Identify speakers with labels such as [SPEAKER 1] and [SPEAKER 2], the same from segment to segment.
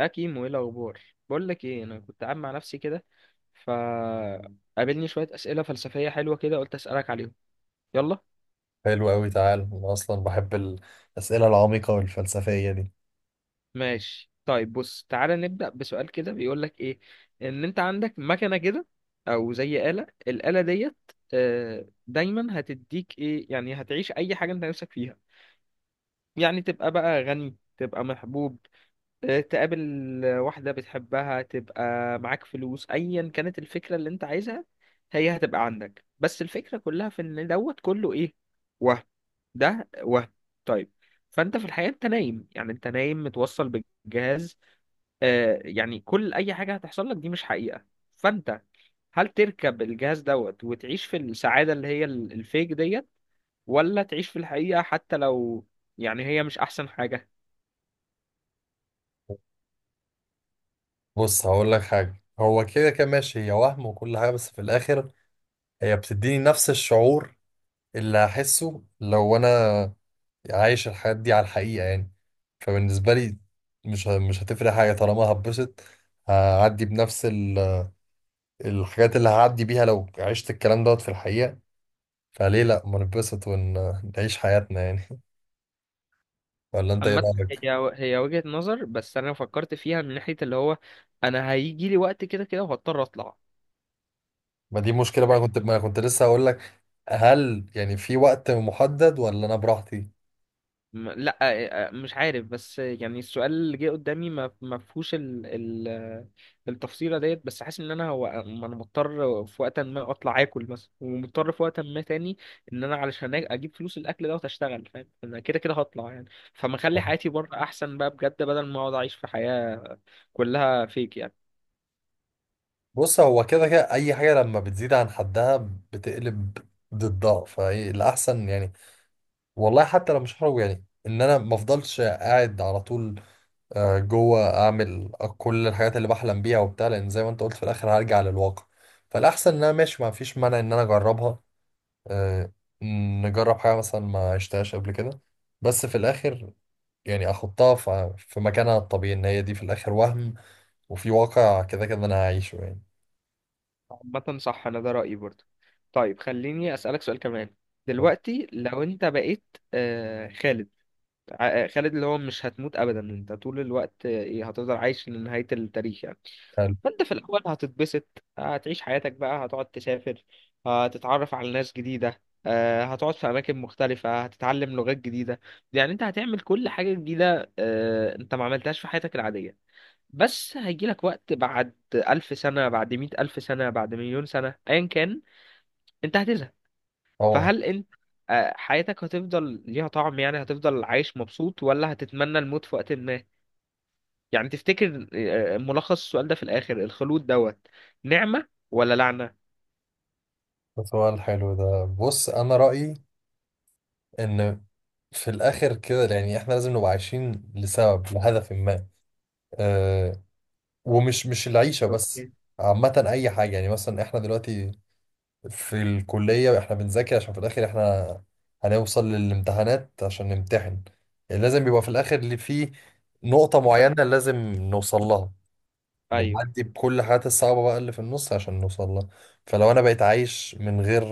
[SPEAKER 1] اه كيمو، ايه الاخبار؟ بقول لك ايه، انا كنت قاعد مع نفسي كده، ف قابلني شويه اسئله فلسفيه حلوه كده، قلت اسالك عليهم. يلا،
[SPEAKER 2] حلو قوي، تعال. انا اصلا بحب الاسئله العميقه والفلسفيه دي.
[SPEAKER 1] ماشي. طيب بص، تعالى نبدا بسؤال كده بيقول لك ايه. ان انت عندك مكنه كده، او زي آلة، الآلة ديت دايما هتديك ايه، يعني هتعيش اي حاجه انت نفسك فيها. يعني تبقى بقى غني، تبقى محبوب، تقابل واحدة بتحبها، تبقى معاك فلوس، أيا كانت الفكرة اللي أنت عايزها هي هتبقى عندك. بس الفكرة كلها في إن دوت كله إيه؟ وهم. ده وهم. طيب، فأنت في الحقيقة أنت نايم، يعني أنت نايم متوصل بالجهاز. آه يعني كل أي حاجة هتحصل لك دي مش حقيقة. فأنت، هل تركب الجهاز دوت وتعيش في السعادة اللي هي الفيك ديت، ولا تعيش في الحقيقة حتى لو يعني هي مش أحسن حاجة؟
[SPEAKER 2] بص، هقول لك حاجه، هو كده كده ماشي، هي وهم وكل حاجه، بس في الاخر هي بتديني نفس الشعور اللي هحسه لو انا عايش الحياه دي على الحقيقه يعني. فبالنسبه لي مش مش هتفرق حاجه طالما هتبسط. هعدي بنفس الحاجات اللي هعدي بيها لو عشت الكلام دوت في الحقيقه. فليه لا ما نتبسط ونعيش حياتنا يعني. ولا انت ايه
[SPEAKER 1] عامة
[SPEAKER 2] رايك؟
[SPEAKER 1] هي وجهة نظر، بس انا فكرت فيها من ناحية اللي هو انا هيجي لي وقت كده كده وهضطر اطلع.
[SPEAKER 2] ما دي مشكلة بقى، كنت ما كنت، لسه هقول لك، هل يعني في وقت محدد ولا انا براحتي؟
[SPEAKER 1] لا، مش عارف، بس يعني السؤال اللي جه قدامي ما فيهوش ال التفصيلة ديت، بس حاسس ان انا هو ما انا مضطر في وقت ما اطلع اكل مثلا، ومضطر في وقت ما تاني ان انا علشان اجيب فلوس الاكل ده واشتغل. فاهم، انا كده كده هطلع يعني، فما اخلي حياتي بره احسن بقى بجد، بدل ما اقعد اعيش في حياة كلها فيك يعني.
[SPEAKER 2] بص، هو كده كده اي حاجة لما بتزيد عن حدها بتقلب ضدها، فهي الاحسن يعني. والله حتى لو مش هخرج، يعني ان انا ما افضلش قاعد على طول، جوه اعمل كل الحاجات اللي بحلم بيها وبتاع، لان زي ما انت قلت في الاخر هرجع للواقع. فالاحسن ان انا ماشي، ما فيش مانع ان انا اجربها. آه، نجرب حاجة مثلا ما عشتهاش قبل كده. بس في الاخر يعني احطها في مكانها الطبيعي، ان هي دي في الاخر وهم، وفي واقع كده كده انا هعيشه يعني.
[SPEAKER 1] عامة صح، أنا ده رأيي برضه. طيب خليني أسألك سؤال كمان. دلوقتي لو أنت بقيت خالد، خالد اللي هو مش هتموت أبدا، أنت طول الوقت آه، إيه، هتفضل عايش لنهاية التاريخ يعني.
[SPEAKER 2] حلو.
[SPEAKER 1] فأنت في الأول هتتبسط، هتعيش حياتك بقى، هتقعد تسافر، هتتعرف على ناس جديدة، هتقعد في أماكن مختلفة، هتتعلم لغات جديدة. يعني أنت هتعمل كل حاجة جديدة أنت ما عملتهاش في حياتك العادية. بس هيجيلك وقت بعد 1000 سنة، بعد 100000 سنة، بعد 1000000 سنة، أيا كان، أنت هتزهق.
[SPEAKER 2] طبعا.
[SPEAKER 1] فهل أنت حياتك هتفضل ليها طعم يعني، هتفضل عايش مبسوط، ولا هتتمنى الموت في وقت ما؟ يعني تفتكر، ملخص السؤال ده في الآخر، الخلود دوت نعمة ولا لعنة؟
[SPEAKER 2] ده سؤال حلو. ده بص، انا رأيي ان في الاخر كده يعني احنا لازم نبقى عايشين لسبب، لهدف ما. أه ومش مش العيشة بس.
[SPEAKER 1] اوكي.
[SPEAKER 2] عامة اي حاجة، يعني مثلا احنا دلوقتي في الكلية احنا بنذاكر عشان في الاخر احنا هنوصل للامتحانات عشان نمتحن. يعني لازم يبقى في الاخر اللي فيه نقطة
[SPEAKER 1] هذا.
[SPEAKER 2] معينة لازم نوصل لها،
[SPEAKER 1] ايوه.
[SPEAKER 2] بنعدي بكل الحاجات الصعبة بقى اللي في النص عشان نوصل لها. فلو أنا بقيت عايش من غير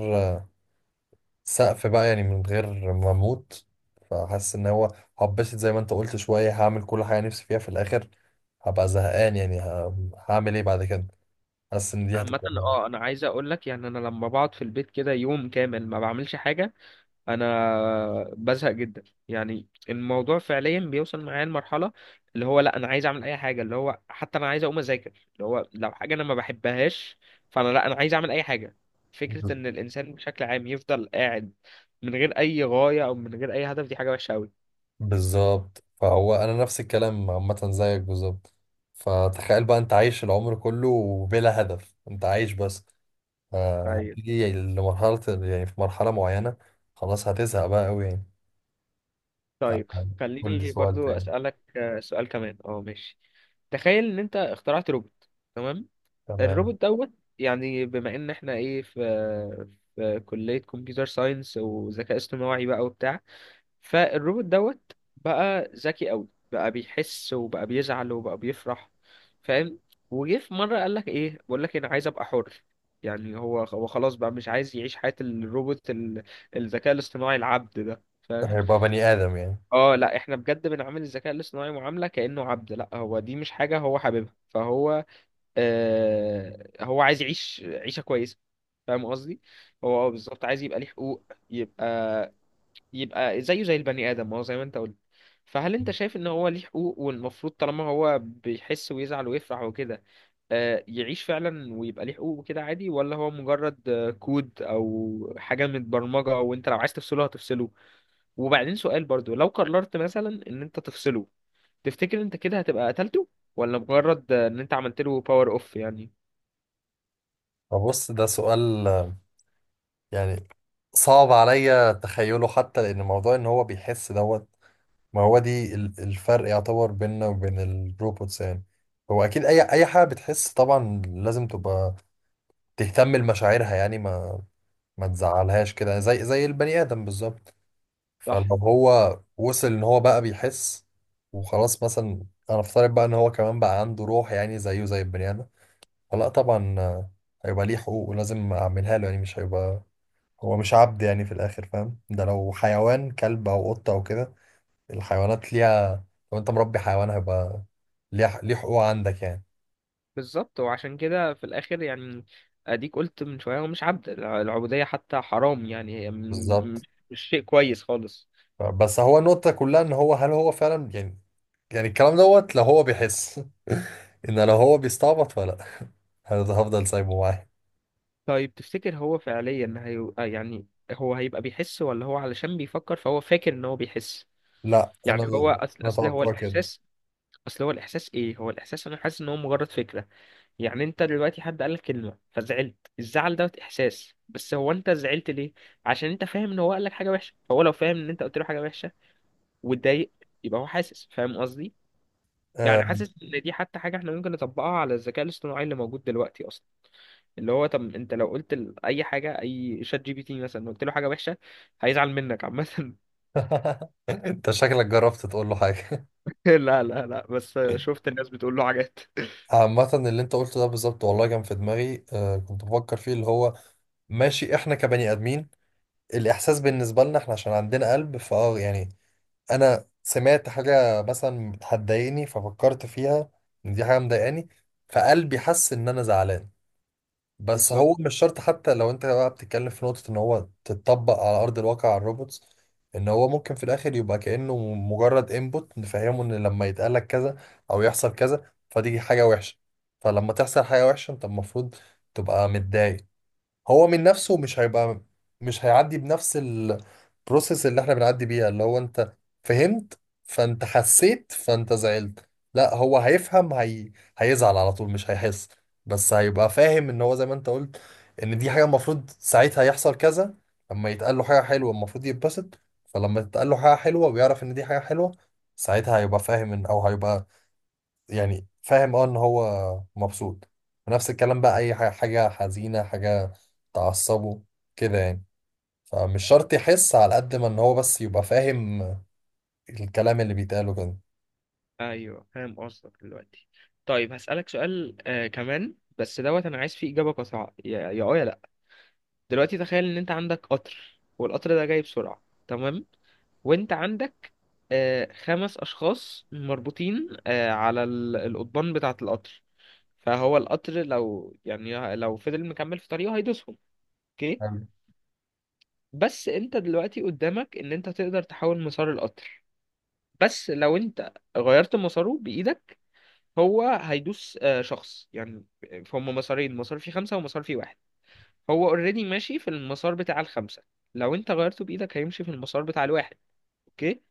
[SPEAKER 2] سقف بقى، يعني من غير ما أموت، فحاسس إن هو هبسط زي ما أنت قلت شوية، هعمل كل حاجة نفسي فيها، في الآخر هبقى زهقان يعني، هعمل إيه بعد كده؟ حاسس إن دي
[SPEAKER 1] عامة
[SPEAKER 2] هتبقى.
[SPEAKER 1] اه انا عايز اقول لك يعني، انا لما بقعد في البيت كده يوم كامل ما بعملش حاجة انا بزهق جدا. يعني الموضوع فعليا بيوصل معايا لمرحله اللي هو لا انا عايز اعمل اي حاجه، اللي هو حتى انا عايز اقوم اذاكر، اللي هو لو حاجه انا ما بحبهاش، فانا لا انا عايز اعمل اي حاجه. فكره
[SPEAKER 2] ب-
[SPEAKER 1] ان الانسان بشكل عام يفضل قاعد من غير اي غايه او من غير اي هدف، دي حاجه وحشه قوي.
[SPEAKER 2] بالظبط، فهو أنا نفس الكلام عامة زيك بالظبط. فتخيل بقى أنت عايش العمر كله بلا هدف، أنت عايش بس،
[SPEAKER 1] طيب،
[SPEAKER 2] فهتيجي لمرحلة، يعني في مرحلة معينة خلاص هتزهق بقى أوي يعني.
[SPEAKER 1] طيب
[SPEAKER 2] تعال، قول لي
[SPEAKER 1] خليني
[SPEAKER 2] سؤال
[SPEAKER 1] برضو
[SPEAKER 2] تاني.
[SPEAKER 1] اسالك سؤال كمان اه، ماشي. تخيل ان انت اخترعت روبوت. تمام.
[SPEAKER 2] تمام.
[SPEAKER 1] الروبوت دوت، يعني بما ان احنا ايه، في في كلية كمبيوتر ساينس وذكاء اصطناعي بقى وبتاع، فالروبوت دوت بقى ذكي قوي، بقى بيحس وبقى بيزعل وبقى بيفرح. فاهم؟ وجه في مرة قال لك ايه، بقول لك انا عايز ابقى حر. يعني هو خلاص بقى مش عايز يعيش حياة الروبوت الذكاء الاصطناعي العبد ده، فاهم؟
[SPEAKER 2] هيبقى بني آدم يعني.
[SPEAKER 1] اه لا، احنا بجد بنعامل الذكاء الاصطناعي معاملة كأنه عبد، لا هو دي مش حاجة هو حاببها، فهو هو عايز يعيش عيشة كويسة. فاهم قصدي؟ هو اه بالظبط عايز يبقى ليه حقوق، يبقى، يبقى زيه زي البني آدم، ما هو زي ما انت قلت. فهل انت شايف ان هو ليه حقوق، والمفروض طالما هو بيحس ويزعل ويفرح وكده يعيش فعلا ويبقى ليه حقوق وكده عادي، ولا هو مجرد كود او حاجة متبرمجة وانت لو عايز تفصله هتفصله؟ وبعدين سؤال برضو، لو قررت مثلا ان انت تفصله، تفتكر انت كده هتبقى قتلته، ولا مجرد ان انت عملت له باور اوف يعني؟
[SPEAKER 2] فبص، ده سؤال يعني صعب عليا تخيله، حتى لأن موضوع إن هو بيحس دوت، ما هو دي الفرق يعتبر بيننا وبين الروبوتس يعني. هو أكيد أي حاجة بتحس طبعا لازم تبقى تهتم لمشاعرها يعني، ما تزعلهاش كده زي زي البني آدم بالظبط.
[SPEAKER 1] صح.
[SPEAKER 2] فلو هو وصل ان هو بقى بيحس وخلاص، مثلا انا افترض بقى ان هو كمان بقى عنده روح يعني زيه زي البني ادم، فلا طبعا، هيبقى ليه حقوق ولازم اعملها له يعني. مش هيبقى، هو مش عبد يعني في الاخر، فاهم؟ ده لو حيوان كلب او قطة او كده، الحيوانات ليها، لو انت مربي حيوان هيبقى ليه حقوق عندك يعني.
[SPEAKER 1] بالظبط. وعشان كده في الاخر يعني اديك قلت من شويه، هو مش عبد، العبوديه حتى حرام يعني، هي م-
[SPEAKER 2] بالظبط.
[SPEAKER 1] مش شيء كويس خالص.
[SPEAKER 2] بس هو النقطة كلها ان هو هل هو فعلا، يعني يعني الكلام دوت لو هو بيحس. ان لو هو بيستعبط فلا هفضل سايبه معاه.
[SPEAKER 1] طيب تفتكر هو فعليا هي يعني، هو هيبقى بيحس، ولا هو علشان بيفكر فهو فاكر ان هو بيحس؟
[SPEAKER 2] لا.
[SPEAKER 1] يعني هو
[SPEAKER 2] انا
[SPEAKER 1] اصل
[SPEAKER 2] انا
[SPEAKER 1] اصل هو
[SPEAKER 2] توقعي كده.
[SPEAKER 1] الاحساس، اصل هو الاحساس ايه، هو الاحساس انا حاسس ان هو مجرد فكره. يعني انت دلوقتي حد قالك كلمه فزعلت، الزعل ده احساس، بس هو انت زعلت ليه؟ عشان انت فاهم ان هو قالك حاجه وحشه. فهو لو فاهم ان انت قلت له حاجه وحشه واتضايق يبقى هو حاسس، فاهم قصدي؟
[SPEAKER 2] آه.
[SPEAKER 1] يعني حاسس ان دي حتى حاجه احنا ممكن نطبقها على الذكاء الاصطناعي اللي موجود دلوقتي اصلا. اللي هو طب انت لو قلت اي حاجه، اي ChatGPT مثلا، قلت له حاجه وحشه هيزعل منك عامه.
[SPEAKER 2] انت شكلك جربت تقول له حاجه.
[SPEAKER 1] لا، بس شفت الناس بتقول له حاجات.
[SPEAKER 2] عامه اللي انت قلته ده بالظبط والله، كان في دماغي، كنت بفكر فيه، اللي هو ماشي، احنا كبني ادمين الاحساس بالنسبه لنا، احنا عشان عندنا قلب فاه يعني. انا سمعت حاجه مثلا بتضايقني ففكرت فيها ان دي حاجه مضايقاني، فقلبي حس ان انا زعلان. بس
[SPEAKER 1] بالظبط.
[SPEAKER 2] هو مش شرط، حتى لو انت بقى بتتكلم في نقطة ان هو تتطبق على ارض الواقع على الروبوتس، ان هو ممكن في الاخر يبقى كأنه مجرد انبوت نفهمه ان لما يتقالك كذا او يحصل كذا فدي حاجة وحشة. فلما تحصل حاجة وحشة انت المفروض تبقى متضايق. هو من نفسه مش هيبقى، مش هيعدي بنفس البروسيس اللي احنا بنعدي بيها، اللي هو انت فهمت فانت حسيت فانت زعلت. لا هو هيفهم، هيزعل على طول، مش هيحس، بس هيبقى فاهم ان هو زي ما انت قلت ان دي حاجة المفروض ساعتها يحصل كذا. لما يتقال له حاجة حلوة المفروض يتبسط، فلما تتقال له حاجة حلوة ويعرف ان دي حاجة حلوة ساعتها هيبقى فاهم ان او هيبقى، يعني فاهم ان هو مبسوط. ونفس الكلام بقى اي حاجة حزينة، حاجة تعصبه كده يعني. فمش شرط يحس على قد ما ان هو بس يبقى فاهم الكلام اللي بيتقاله كده.
[SPEAKER 1] ايوه فاهم قصدك دلوقتي. طيب هسألك سؤال آه كمان، بس دوت انا عايز فيه اجابه قصيره يا لا. دلوقتي تخيل ان انت عندك قطر، والقطر ده جاي بسرعة. تمام؟ وانت عندك 5 اشخاص مربوطين على القضبان بتاعة القطر. فهو القطر لو يعني لو فضل مكمل في طريقه هيدوسهم. اوكي.
[SPEAKER 2] حلو.
[SPEAKER 1] بس انت دلوقتي قدامك ان انت تقدر تحول مسار القطر. بس لو انت غيرت مساره بايدك هو هيدوس شخص يعني. فهم مسارين، مسار فيه 5 ومسار فيه واحد. هو اوريدي ماشي في المسار بتاع ال5، لو انت غيرته بايدك هيمشي في المسار بتاع الواحد. اوكي؟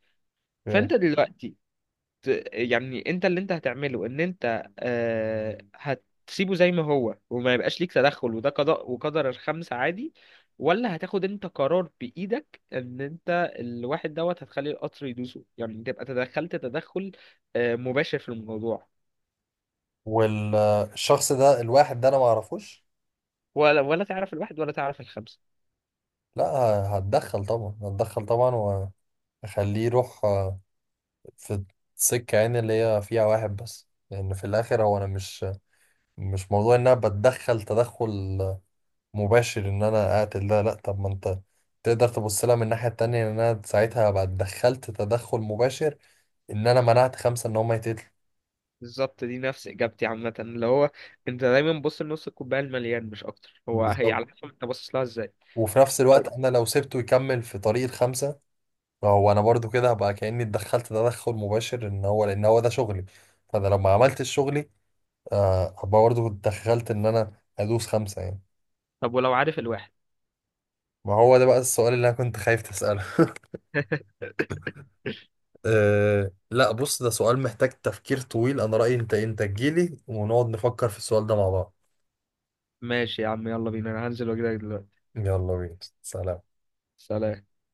[SPEAKER 2] اوكي.
[SPEAKER 1] فانت دلوقتي يعني انت اللي انت هتعمله، ان انت آه هتسيبه زي ما هو وما يبقاش ليك تدخل، وده قضاء وقدر، ال5 عادي؟ ولا هتاخد انت قرار بايدك ان انت الواحد دوت هتخلي القطر يدوسه، يعني تبقى تدخلت تدخل آه مباشر في الموضوع؟
[SPEAKER 2] والشخص ده الواحد ده انا ما اعرفوش؟
[SPEAKER 1] ولا تعرف الواحد ولا تعرف ال5.
[SPEAKER 2] لا، هتدخل طبعا، هتدخل طبعا. واخليه يروح في السكة يعني اللي هي فيها واحد بس، لان في الاخر هو انا مش، مش موضوع ان انا بتدخل تدخل مباشر ان انا اقتل ده، لا. طب ما انت تقدر تبص لها من الناحية التانية، ان انا ساعتها هبقى اتدخلت تدخل مباشر ان انا منعت خمسة ان هم يتقتلوا.
[SPEAKER 1] بالظبط، دي نفس اجابتي عامه، اللي هو انت دايما بص لنص الكوبايه المليان مش اكتر، هو هي
[SPEAKER 2] بالظبط.
[SPEAKER 1] على حسب انت باصص لها ازاي.
[SPEAKER 2] وفي نفس الوقت
[SPEAKER 1] طيب.
[SPEAKER 2] انا لو سبته يكمل في طريق الخمسة، فهو انا برضو كده هبقى كأني اتدخلت تدخل مباشر ان هو، لان هو ده شغلي، فانا لو ما عملتش شغلي، هبقى برضو اتدخلت ان انا ادوس خمسة يعني.
[SPEAKER 1] طب ولو عارف الواحد؟
[SPEAKER 2] ما هو ده بقى السؤال اللي انا كنت خايف تسأله. أه لا، بص، ده سؤال محتاج تفكير طويل. انا رأيي، انت إيه؟ انت تجيلي ونقعد نفكر في السؤال ده مع بعض.
[SPEAKER 1] ماشي يا عم، يلا بينا، انا هنزل واجيلك دلوقتي.
[SPEAKER 2] يلا بينا، سلام.
[SPEAKER 1] سلام.